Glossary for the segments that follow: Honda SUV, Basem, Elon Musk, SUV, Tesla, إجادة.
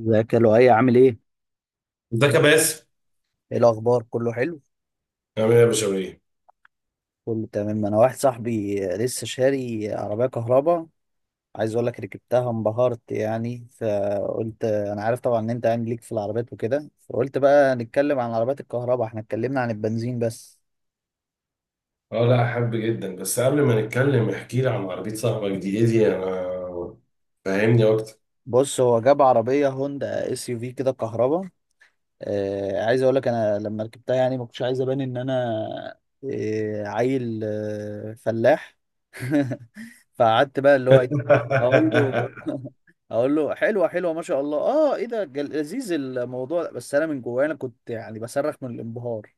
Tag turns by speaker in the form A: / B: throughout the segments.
A: ازيك يا لؤي، عامل ايه؟
B: ازيك يا باسم.
A: ايه الاخبار، كله حلو؟
B: عامل ايه يا بشوية؟
A: كله تمام. انا واحد صاحبي لسه شاري عربية كهرباء، عايز اقول لك ركبتها، انبهرت. يعني فقلت انا عارف طبعا ان انت يعني ليك في العربيات وكده، فقلت بقى نتكلم عن عربيات الكهرباء. احنا اتكلمنا عن البنزين بس.
B: اه، لا احب جدا. بس قبل ما نتكلم احكي لي عن عربية صاحبك دي. ايه دي؟ انا فاهمني اكتر.
A: بص، هو جاب عربية هوندا SUV كده كهرباء. عايز اقول لك، انا لما ركبتها يعني ما كنتش عايز ابان ان انا عيل، فلاح. فقعدت بقى اللي هو إيه، اقول له اقول له حلوه حلوه ما شاء الله، اه، ايه ده، لذيذ الموضوع ده. بس انا من جوايا انا كنت يعني بصرخ من الانبهار،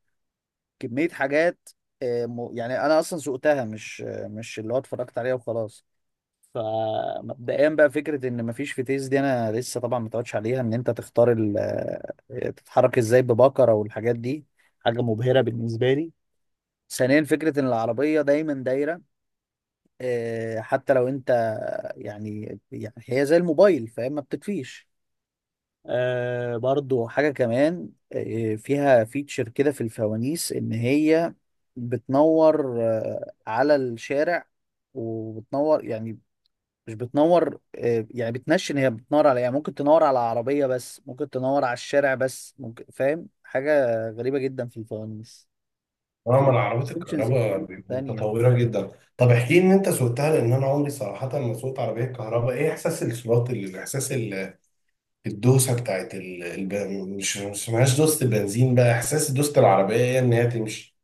A: كميه حاجات. يعني انا اصلا سوقتها، مش مش اللي هو اتفرجت عليها وخلاص. فمبدئيا بقى، فكره ان مفيش فيتيز دي انا لسه طبعا ما اتعودش عليها. ان انت تختار تتحرك ازاي ببكره والحاجات دي، حاجه مبهره بالنسبه لي. ثانيا، فكره ان العربيه دايما دايره، حتى لو انت، يعني هي زي الموبايل فاهم، ما بتطفيش. آه، برضو حاجه كمان، فيها فيتشر كده في الفوانيس، ان هي بتنور على الشارع، وبتنور يعني مش بتنور، يعني بتنشن، هي بتنور على، يعني ممكن تنور على عربية بس، ممكن تنور على الشارع بس، ممكن فاهم، حاجة غريبة جدا في الفوانيس.
B: اه، ما
A: في
B: العربيات
A: اوبشنز
B: الكهرباء
A: كتير
B: بيبقوا
A: تانية.
B: متطورة جدا. طب احكي لي ان انت سوقتها، لان انا عمري صراحة ما سوقت عربية كهرباء. ايه احساس الصراط اللي احساس الدوسة بتاعت مش اسمهاش دوسة البنزين. بقى احساس دوسة العربية ايه؟ ان هي تمشي.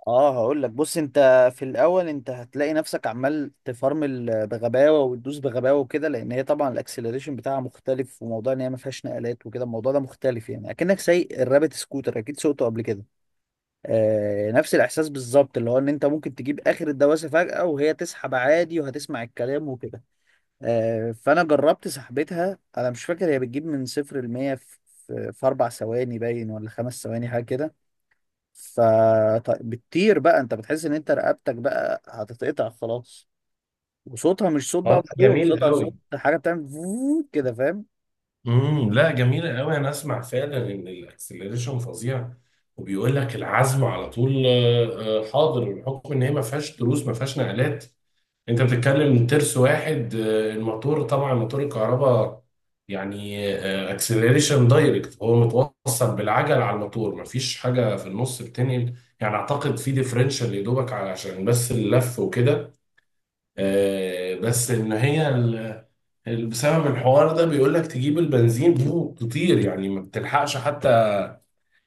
A: اه، هقول لك. بص انت في الاول انت هتلاقي نفسك عمال تفرمل بغباوة وتدوس بغباوة وكده، لان هي طبعا الاكسلريشن بتاعها مختلف، وموضوع ان هي ما فيهاش نقلات وكده الموضوع ده مختلف، يعني اكنك سايق الرابت سكوتر، اكيد سوقته قبل كده. نفس الاحساس بالظبط. اللي هو ان انت ممكن تجيب اخر الدواسه فجاه وهي تسحب عادي وهتسمع الكلام وكده. فانا جربت سحبتها، انا مش فاكر هي بتجيب من 0 لمية في 4 ثواني باين، ولا 5 ثواني، حاجه كده. فبتطير بقى، انت بتحس ان انت رقبتك بقى هتتقطع خلاص. وصوتها مش صوت بقى
B: والله
A: موتور،
B: جميل
A: صوتها
B: قوي.
A: صوت حاجه بتعمل فووو كده، فاهم.
B: لا، جميلة قوي. انا اسمع فعلا ان الاكسلريشن فظيع، وبيقول لك العزم على طول. حاضر، بحكم ان هي ما فيهاش دروس ما فيهاش نقلات. انت بتتكلم ترس واحد. الموتور طبعا موتور الكهرباء، يعني اكسلريشن دايركت. هو متوصل بالعجل على الموتور، ما فيش حاجة في النص بتنقل. يعني اعتقد في ديفرنشال يا دوبك علشان بس اللف وكده. بس ان هي بسبب الحوار ده، بيقول لك تجيب البنزين تطير، يعني ما بتلحقش حتى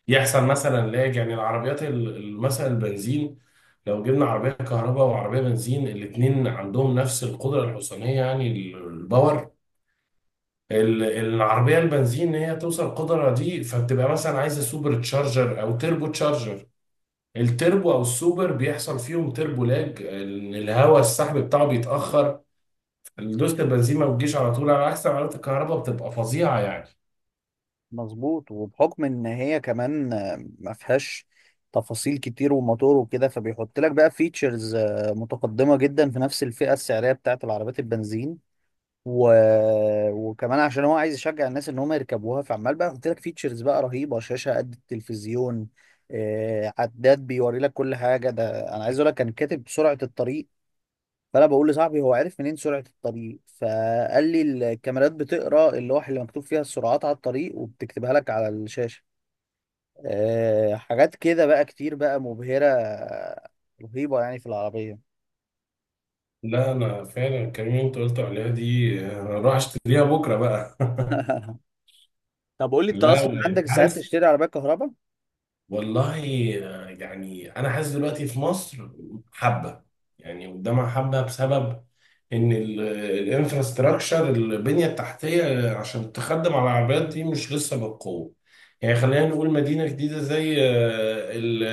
B: يحصل مثلا لاج. يعني العربيات مثلا البنزين، لو جبنا عربية كهرباء وعربية بنزين الاتنين عندهم نفس القدرة الحصانية، يعني الباور، العربية البنزين هي توصل القدرة دي فبتبقى مثلا عايزة سوبر تشارجر أو تربو تشارجر. التربو أو السوبر بيحصل فيهم تربو لاج، الهواء السحب بتاعه بيتأخر. دوست البنزيمة والجيش على طول، على عكس عربية الكهرباء بتبقى فظيعة يعني.
A: مظبوط، وبحكم ان هي كمان ما فيهاش تفاصيل كتير وموتور وكده، فبيحط لك بقى فيتشرز متقدمة جدا في نفس الفئة السعرية بتاعت العربيات البنزين. و... وكمان عشان هو عايز يشجع الناس ان هم يركبوها، فعمال بقى يحط لك فيتشرز بقى رهيبة، شاشة قد التلفزيون، عداد بيوري لك كل حاجة. ده انا عايز اقول لك كان كاتب سرعة الطريق. فانا بقول لصاحبي هو عرف منين سرعه الطريق، فقال لي الكاميرات بتقرا اللوحه اللي مكتوب فيها السرعات على الطريق وبتكتبها لك على الشاشه. أه، حاجات كده بقى كتير بقى مبهره، رهيبه يعني في العربيه.
B: لا، أنا فعلا الكلمة اللي أنت قلت عليها دي أنا أروح أشتريها بكرة بقى.
A: طب قول لي، انت
B: لا،
A: اصلا
B: وأنت
A: عندك ساعات
B: عارف.
A: تشتري عربيه كهرباء؟
B: والله، يعني أنا حاسس دلوقتي في مصر حبة، يعني قدامها حبة، بسبب إن الانفراستراكشر البنية التحتية عشان تخدم على العربيات دي مش لسه بالقوة. يعني خلينا نقول مدينة جديدة زي ال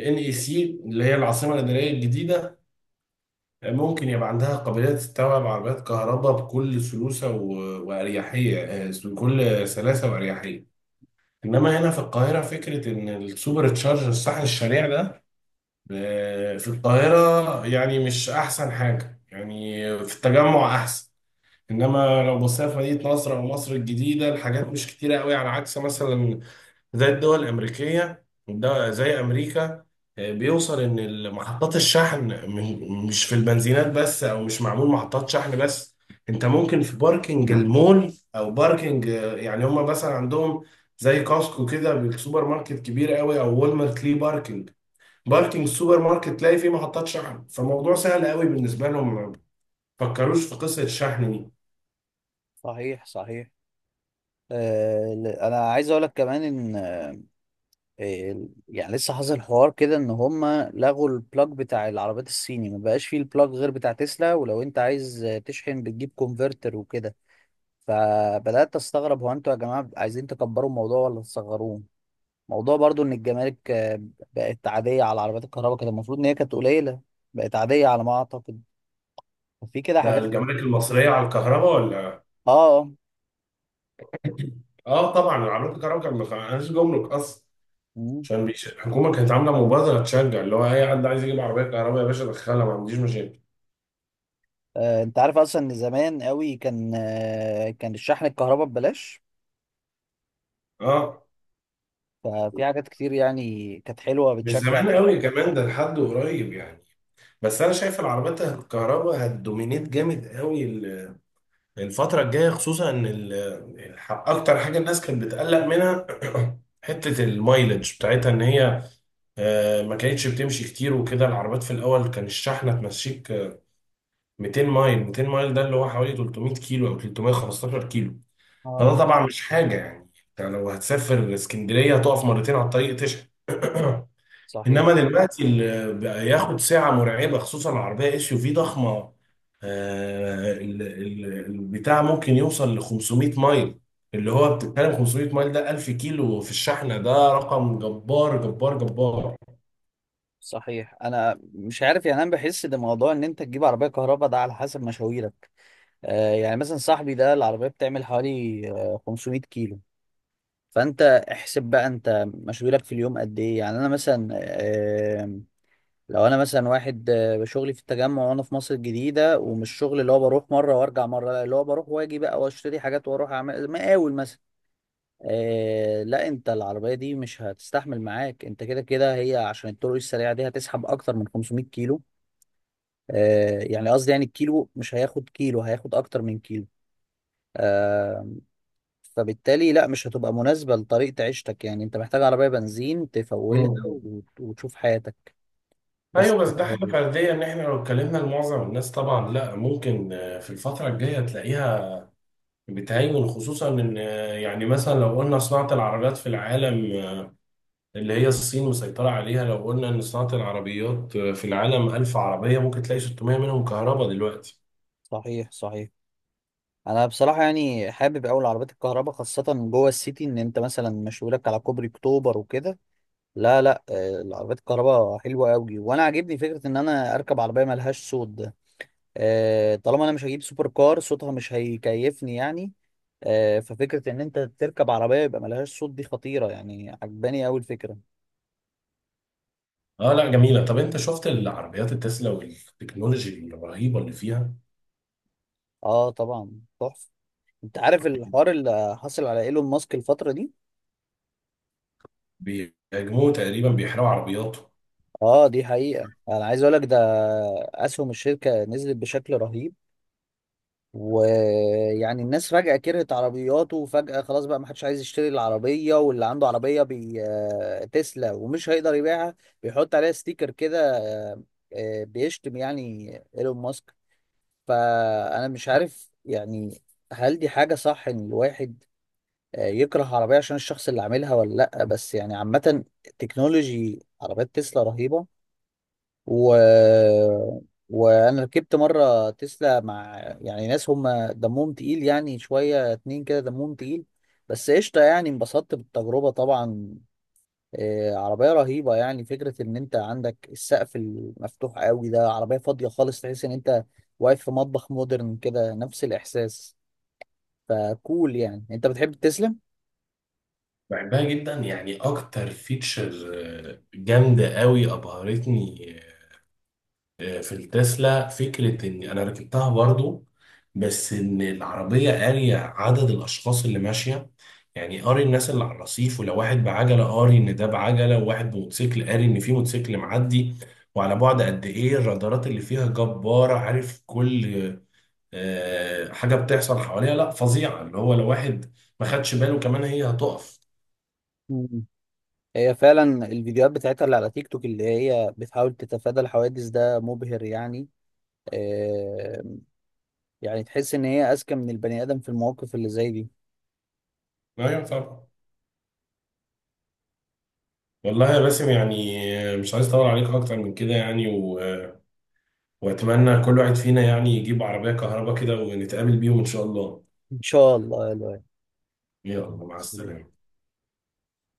B: ان اي سي، اللي هي العاصمة الإدارية الجديدة. ممكن يبقى عندها قابلية تستوعب عربيات كهرباء بكل سلوسة وأريحية، بكل سلاسة وأريحية. إنما هنا في القاهرة، فكرة إن السوبر تشارجر الصاحب الشريع ده في القاهرة يعني مش أحسن حاجة. يعني في التجمع أحسن، إنما لو بصينا في مدينة نصر أو مصر الجديدة الحاجات مش كتيرة قوي. على عكس مثلا زي الدول الأمريكية زي أمريكا، بيوصل إن محطات الشحن مش في البنزينات بس، أو مش معمول محطات شحن بس. أنت ممكن في باركينج المول أو باركينج، يعني هما مثلا عندهم زي كاسكو كده بالسوبر ماركت كبير قوي، أو والمارت ليه باركينج. باركينج السوبر ماركت تلاقي فيه محطات شحن، فالموضوع سهل قوي بالنسبة لهم. ما فكروش في قصة الشحن دي.
A: صحيح صحيح. انا عايز اقول لك كمان ان يعني لسه حاصل حوار كده، ان هم لغوا البلاج بتاع العربيات الصيني، ما بقاش فيه البلاج غير بتاع تسلا. ولو انت عايز تشحن بتجيب كونفرتر وكده. فبدات استغرب، هو انتوا يا جماعه عايزين تكبروا الموضوع ولا تصغروه؟ موضوع برضو ان الجمارك بقت عاديه على عربيات الكهرباء، كانت المفروض ان هي كانت قليله، بقت عاديه على ما اعتقد. ففي كده
B: ده
A: حاجات.
B: الجمارك المصرية
A: اه.
B: على الكهرباء ولا؟
A: آه.
B: آه، طبعا عربيات الكهرباء كان ما كانش جمرك أصلا.
A: مم.
B: عشان الحكومة كانت عاملة مبادرة تشجع اللي هو أي حد عايز يجيب عربية كهرباء، يا باشا دخلها ما عنديش مشاكل.
A: انت عارف اصلا ان زمان قوي كان، كان الشحن الكهرباء ببلاش.
B: اه،
A: ففي حاجات كتير يعني كانت حلوه
B: مش
A: بتشجع.
B: زمان قوي كمان، ده لحد قريب يعني. بس أنا شايف العربيات الكهرباء هتدومينيت جامد قوي الفترة الجاية، خصوصا إن أكتر حاجة الناس كانت بتقلق منها حتة المايلج بتاعتها، إن هي ما كانتش بتمشي كتير وكده. العربيات في الأول كان الشحنة تمشيك 200 مايل. 200 مايل ده اللي هو حوالي 300 كيلو أو 315 كيلو.
A: اه،
B: فده طبعا مش حاجة، يعني انت لو هتسافر اسكندرية هتقف مرتين على الطريق تشحن.
A: صحيح
B: انما دلوقتي اللي بقى ياخد ساعة مرعبة، خصوصا العربية اس يو في ضخمة، البتاع ممكن يوصل ل 500 مايل، اللي هو بتتكلم 500 مايل ده 1000 كيلو في الشحنة. ده رقم جبار جبار جبار.
A: صحيح. انا مش عارف، يعني انا بحس ان موضوع ان انت تجيب عربيه كهرباء ده على حسب مشاويرك. يعني مثلا صاحبي ده العربية بتعمل حوالي 500 كيلو. فانت احسب بقى انت مشغولك في اليوم قد ايه. يعني انا مثلا لو انا مثلا واحد شغلي في التجمع وانا في مصر الجديدة، ومش شغل اللي هو بروح مرة وارجع مرة، لا اللي هو بروح واجي بقى واشتري حاجات واروح اعمل مقاول مثلا، لا، انت العربية دي مش هتستحمل معاك. انت كده كده هي عشان الطرق السريعة دي هتسحب اكتر من 500 كيلو. يعني قصدي يعني الكيلو مش هياخد كيلو، هياخد اكتر من كيلو. آه، فبالتالي لا، مش هتبقى مناسبة لطريقة عيشتك. يعني انت محتاج عربية بنزين تفولها
B: مم.
A: وتشوف حياتك بس.
B: ايوه، بس ده حاجة فردية. ان احنا لو اتكلمنا لمعظم الناس طبعا، لا، ممكن في الفترة الجاية تلاقيها بتهيمن. خصوصا ان، يعني مثلا لو قلنا صناعة العربيات في العالم اللي هي الصين مسيطرة عليها. لو قلنا ان صناعة العربيات في العالم 1000 عربية، ممكن تلاقي 600 منهم كهرباء دلوقتي.
A: صحيح صحيح. انا بصراحة يعني حابب اوي العربيات الكهرباء، خاصة جوه السيتي، ان انت مثلا مشوارك على كوبري اكتوبر وكده. لا لا، العربيات الكهرباء حلوة اوي. وانا عاجبني فكرة ان انا اركب عربية ملهاش صوت ده. طالما انا مش هجيب سوبر كار، صوتها مش هيكيفني يعني. ففكرة ان انت تركب عربية يبقى ملهاش صوت دي خطيرة، يعني عجباني اوي الفكرة.
B: اه لا، جميلة. طب انت شفت العربيات التسلا والتكنولوجي الرهيبة اللي فيها؟
A: اه طبعا، تحفه. انت عارف الحوار اللي حصل على ايلون ماسك الفتره دي؟
B: بيهاجموا، تقريبا بيحرقوا عربياتهم.
A: اه، دي حقيقه. انا عايز اقول لك، ده اسهم الشركه نزلت بشكل رهيب. ويعني الناس فجاه كرهت عربياته، وفجاه خلاص بقى ما حدش عايز يشتري العربيه. واللي عنده عربيه بي... آه، تسلا ومش هيقدر يبيعها، بيحط عليها ستيكر كده، آه، بيشتم يعني ايلون ماسك. فانا مش عارف يعني، هل دي حاجه صح ان الواحد يكره عربية عشان الشخص اللي عاملها ولا لأ؟ بس يعني عامة، تكنولوجي عربيات تسلا رهيبة. و... وأنا ركبت مرة تسلا مع يعني ناس هم دمهم تقيل، يعني شوية، اتنين كده دمهم تقيل، بس قشطة. يعني انبسطت بالتجربة طبعا. عربية رهيبة. يعني فكرة إن أنت عندك السقف المفتوح قوي ده، عربية فاضية خالص، تحس إن أنت واقف في مطبخ مودرن كده، نفس الإحساس. فكول، يعني أنت بتحب تسلا؟
B: بحبها جدا، يعني اكتر فيتشر جامدة قوي ابهرتني في التسلا. فكرة إن أنا ركبتها برضو، بس إن العربية قارية عدد الأشخاص اللي ماشية. يعني قاري الناس اللي على الرصيف، ولو واحد بعجلة قاري إن ده بعجلة، وواحد بموتوسيكل قاري إن في موتوسيكل معدي. وعلى بعد قد إيه الرادارات اللي فيها جبارة، عارف كل حاجة بتحصل حواليها. لا فظيعة، اللي هو لو واحد ما خدش باله كمان هي هتقف.
A: هي فعلا الفيديوهات بتاعتها اللي على تيك توك، اللي هي بتحاول تتفادى الحوادث، ده مبهر يعني. آه، يعني تحس ان هي اذكى من البني ادم في المواقف اللي زي دي.
B: أيوة طبعا. والله يا باسم، يعني مش عايز أطول عليك أكتر من كده يعني. واتمنى كل واحد فينا يعني يجيب عربية كهرباء كده، ونتقابل بيهم ان شاء الله.
A: ان شاء الله يا
B: يلا مع
A: لؤي.
B: السلامة.